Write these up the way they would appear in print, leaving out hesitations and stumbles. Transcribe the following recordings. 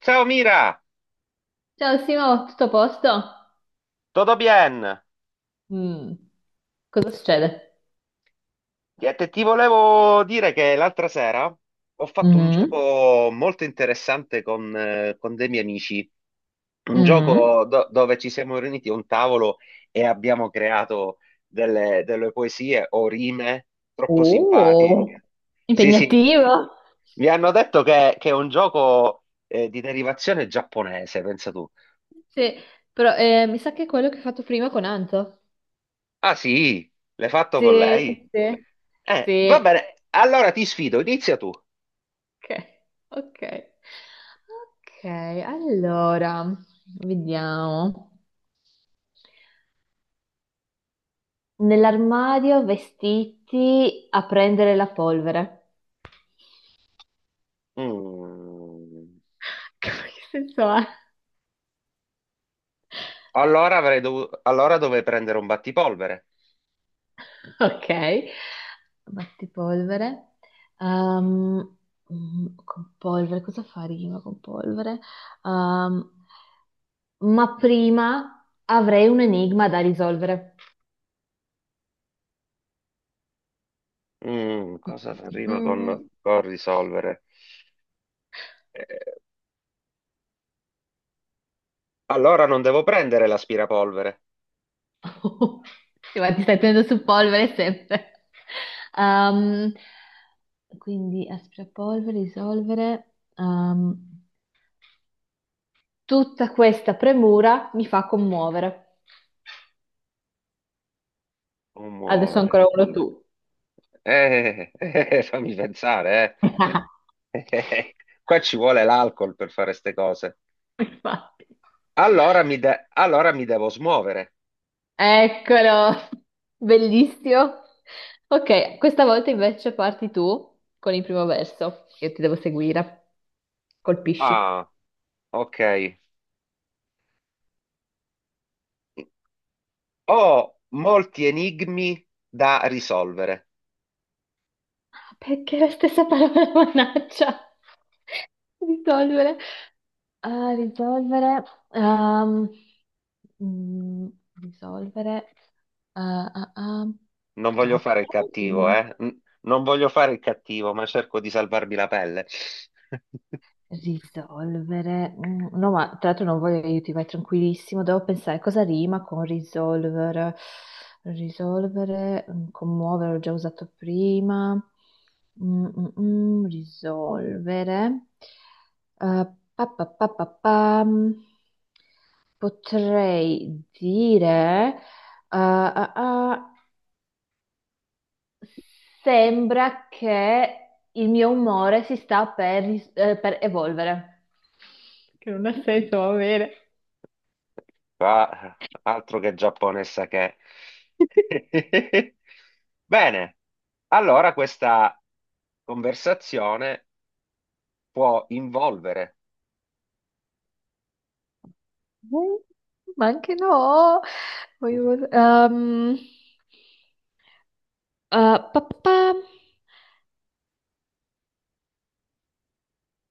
Ciao Mira, Ciao Simo, tutto a posto? tutto bien? Mm, cosa succede? Niente, ti volevo dire che l'altra sera ho fatto un Mhm, gioco molto interessante con dei miei amici, un mhm. gioco dove ci siamo riuniti a un tavolo e abbiamo creato delle poesie o rime troppo Oh, simpatiche. Sì, sì, impegnativo. mi hanno detto che è un gioco di derivazione giapponese, pensa tu. Sì, però mi sa che è quello che hai fatto prima con Anto. Ah sì, l'hai fatto con Sì, lei? sì, sì. Va Sì, bene, allora ti sfido, inizia tu. ok, ok. Ok, allora, vediamo. Nell'armadio vestiti a prendere la polvere. Mm. Che senso ha? Allora avrei dovuto... Allora dovrei prendere un battipolvere. Ok, battipolvere. Ehm, con polvere, cosa fa rima con polvere? Ehm, ma prima avrei un enigma da risolvere. Mm, rima Mm, con risolvere? Eh, allora non devo prendere l'aspirapolvere. Sì, ma ti stai tenendo su polvere sempre. Ehm, quindi aspirapolvere, risolvere. Tutta questa premura mi fa commuovere. Non Adesso muovere. ancora uno tu. Fammi pensare, eh. Eh, Qua ci vuole l'alcol per fare ste cose. Infatti. Allora mi devo smuovere. Eccolo, bellissimo. Ok, questa volta invece parti tu con il primo verso. Io ti devo seguire. Colpisci. Ah, ok. Ho molti enigmi da risolvere. Ah, perché la stessa parola, mannaggia. Risolvere. Ah, risolvere. Ehm, mm, risolvere. Ah, ah, ah. Non Madò, voglio che fare il cattivo, parole. eh? Non voglio fare il cattivo, ma cerco di salvarmi la pelle. Risolvere. No, ma tra l'altro non voglio aiuti, vai tranquillissimo. Devo pensare cosa rima con risolvere. Risolvere, commuovere, l'ho già usato prima. Risolvere. Eh, pa, pa, pa, pa, pam. Potrei dire ah, ah, sembra che il mio umore si sta per, per evolvere. Che non ha senso, va bene. Qua, altro che Giappone, sa che. Bene, allora questa conversazione può involvere, Mm, ma anche no. Voglio- pa- pa- pa.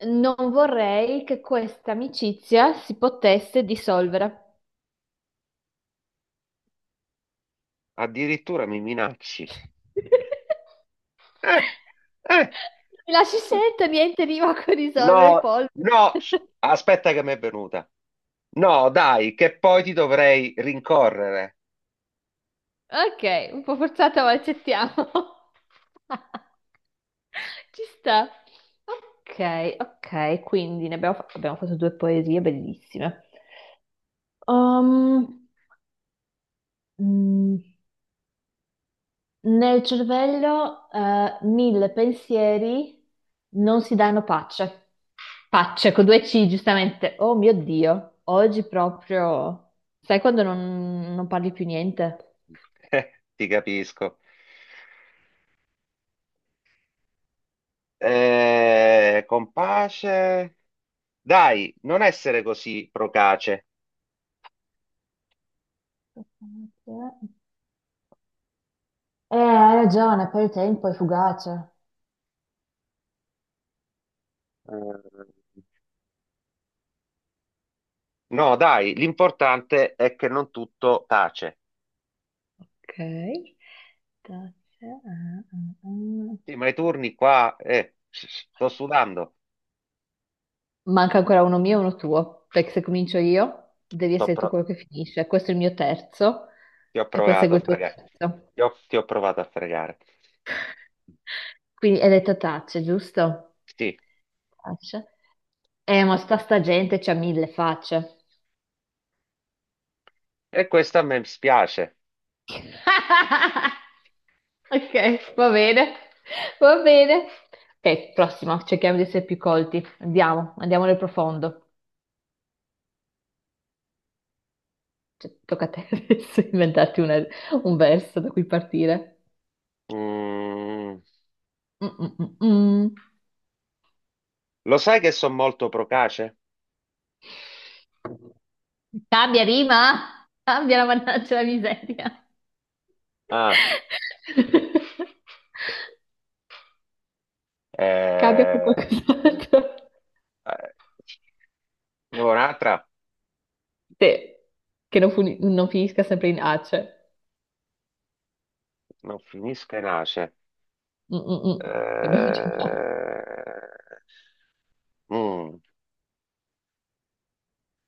Non vorrei che questa amicizia si potesse dissolvere. addirittura mi minacci. Eh, eh. Mi lasci scelta, niente rima con risolvere No, polvere. no, aspetta che mi è venuta. No, dai, che poi ti dovrei rincorrere. Ok, un po' forzata, ma accettiamo. Ci sta. Ok, ok, quindi ne abbiamo, abbiamo fatto due poesie bellissime. Um, mm, nel cervello, mille pensieri non si danno pace. Pace con due C, giustamente. Oh mio Dio, oggi proprio... Sai quando non parli più niente? Ti capisco. Compace. Dai, non essere così procace. Eh, hai ragione, poi il tempo è fugace. Eh, No, dai, l'importante è che non tutto tace. Ok. Tazza, ah, ah, ah. Sì, ma i turni qua, sto sudando. Manca ancora uno mio e uno tuo, perché se comincio io devi Sto essere tu pro- quello che finisce. Questo è il mio terzo ti ho e poi provato segue a il tuo fregare. terzo. Ti ho provato a fregare. Quindi hai detto tacce, giusto? Sì, Tacce. Ma sta gente c'ha mille facce. e questo a me spiace. Ok, va bene, va bene. Ok, prossima, cerchiamo di essere più colti. Andiamo, andiamo nel profondo. Cioè, tocca a te adesso inventarti un verso da cui partire. Mm, Mm, mm, mm, mm. lo sai che sono molto procace? Cambia rima! Cambia la mannaggia la miseria! Ah, Cambia con eh, qualcos'altro. eh, ne vuoi un'altra? Te, che non finisca sempre in ace. Non finisca e nasce. Mm, mm, mm, Che abbiamo già fatto. Eh, mm,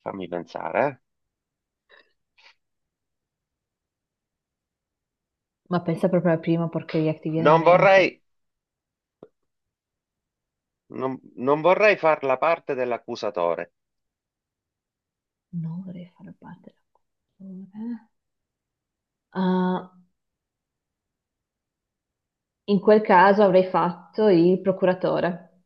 fammi pensare. Ma pensa proprio alla prima porcheria che ti viene in Non vorrei, mente. Non vorrei far la parte dell'accusatore. Non vorrei far parte della cultura. Ah, in quel caso avrei fatto il procuratore.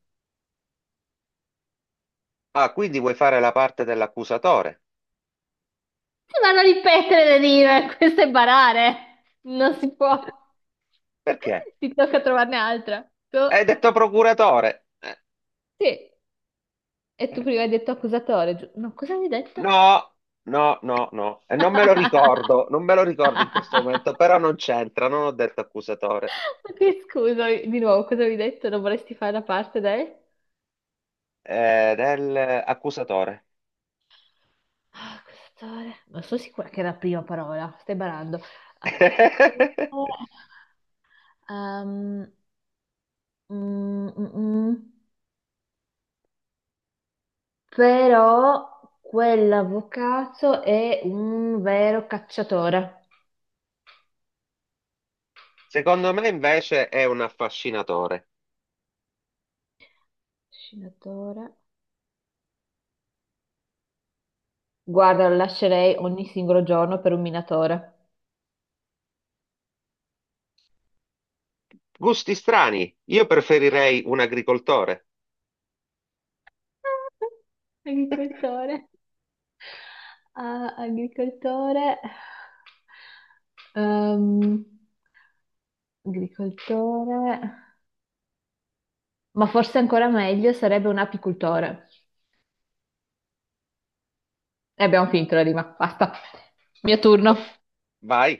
Ah, quindi vuoi fare la parte dell'accusatore? Si vanno a ripetere le rime, questo è barare. Non si può. Perché? Ti tocca trovarne altra. Tu... Hai detto procuratore. Sì, e tu Eh, prima hai detto accusatore, no, cosa mi hai detto? No, no, no, no. E non me lo ricordo, non me lo ricordo in questo momento, però non c'entra, non ho detto accusatore. Ok, scusami. Di nuovo, cosa mi hai detto? Non vorresti fare la parte del... Del accusatore. Ah, accusatore. Non sono sicura che era la prima parola, stai barando. Accusatore. Ehm, mm, mm, mm. mm. Però quell'avvocato è un vero cacciatore. Secondo me invece è un affascinatore. Scinatore. Guarda, lo lascerei ogni singolo giorno per un minatore. Gusti strani, io preferirei un agricoltore. Agricoltore. Ah, agricoltore. Ehm, agricoltore. Ma forse ancora meglio sarebbe un apicultore. E abbiamo finito la rima, basta. Mio turno. Vai,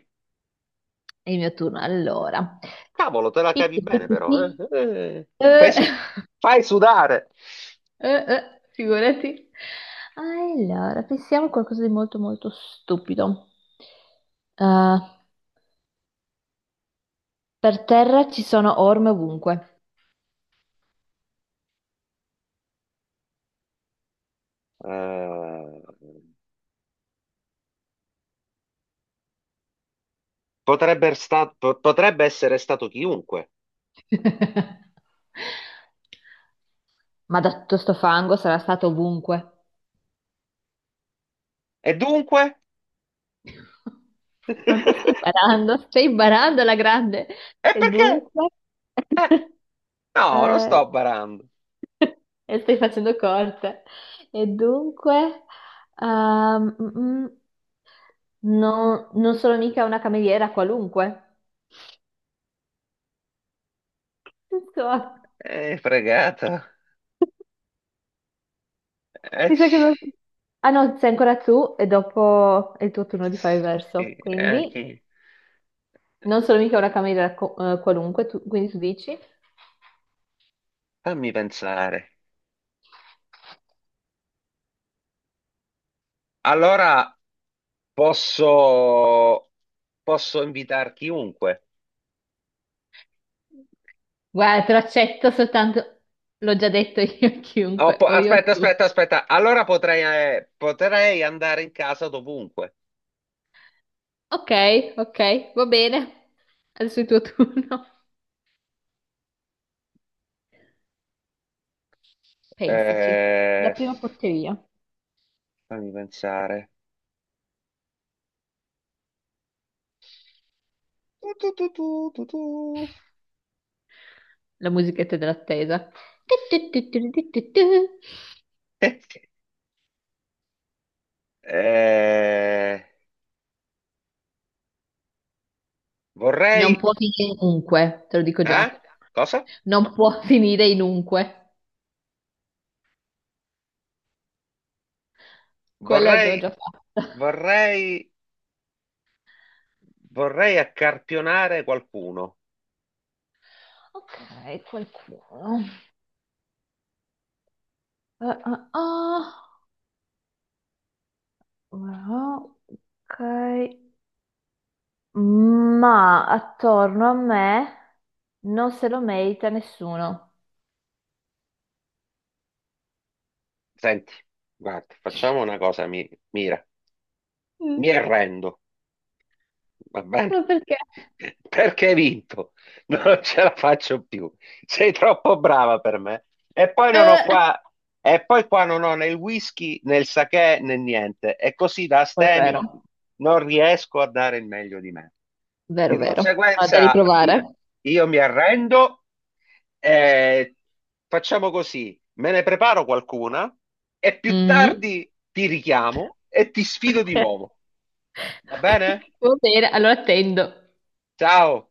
È il mio turno, allora. cavolo, te la Pi, cavi pi, pi, bene pi, però. Eh? pi. Fai, Eh, su- fai sudare. Figurati. Allora, pensiamo a qualcosa di molto molto stupido. Eh, per terra ci sono orme ovunque. Eh, potrebbe essere stato chiunque. Ma da tutto sto fango sarà stato ovunque. E dunque? Non te stai barando alla grande. E E perché? dunque... Eh, no, non eh, sto barando. e stai facendo corte. E dunque... ehm, mm, mm. No, non sono mica una cameriera qualunque. Insomma, Fregato. Eh, mi sa che... Ah no, sei ancora tu e dopo è il tuo turno di fare il sì, verso. Quindi chi? non sono mica una cameriera qualunque, quindi tu dici... Fammi pensare. Allora. Posso, posso invitare chiunque. Guarda, te lo accetto soltanto... L'ho già detto io a Oh, chiunque, o io a aspetta, tu. aspetta, aspetta. Allora potrei, potrei andare in casa dovunque. Ok, ok, va bene. Adesso è il tuo turno. Pensaci. La Eh, prima porcheria. fammi pensare. Tu, tu, tu, tu, tu, tu. La musichetta dell'attesa. Tu, tu, tu, tu, tu, tu, tu. Eh, Non vorrei... può finire in unque, te lo dico Eh? già. Cosa? Non può finire in unque. Quella Vorrei... l'avevo già fatta. Vorrei... Vorrei accarpionare qualcuno. Ok, qualcuno. Eh, eh, ah. Ora, ok. Ma attorno a me non se lo merita nessuno. Senti, guarda, facciamo una cosa, mira. Mi Mm, arrendo. Va bene? ma perché? Perché hai vinto? Non ce la faccio più. Sei troppo brava per me. E poi non ho Eh, qua, e poi qua non ho né il whisky né il sake né niente. E così da quello è astemio vero. non riesco a dare il meglio di me. Vero, Di vero. Ho da conseguenza i- riprovare. io mi arrendo e facciamo così. Me ne preparo qualcuna e più Mhm. tardi ti richiamo e ti sfido di Ok, nuovo. Va ok. bene? Va bene, allora attendo. Ciao.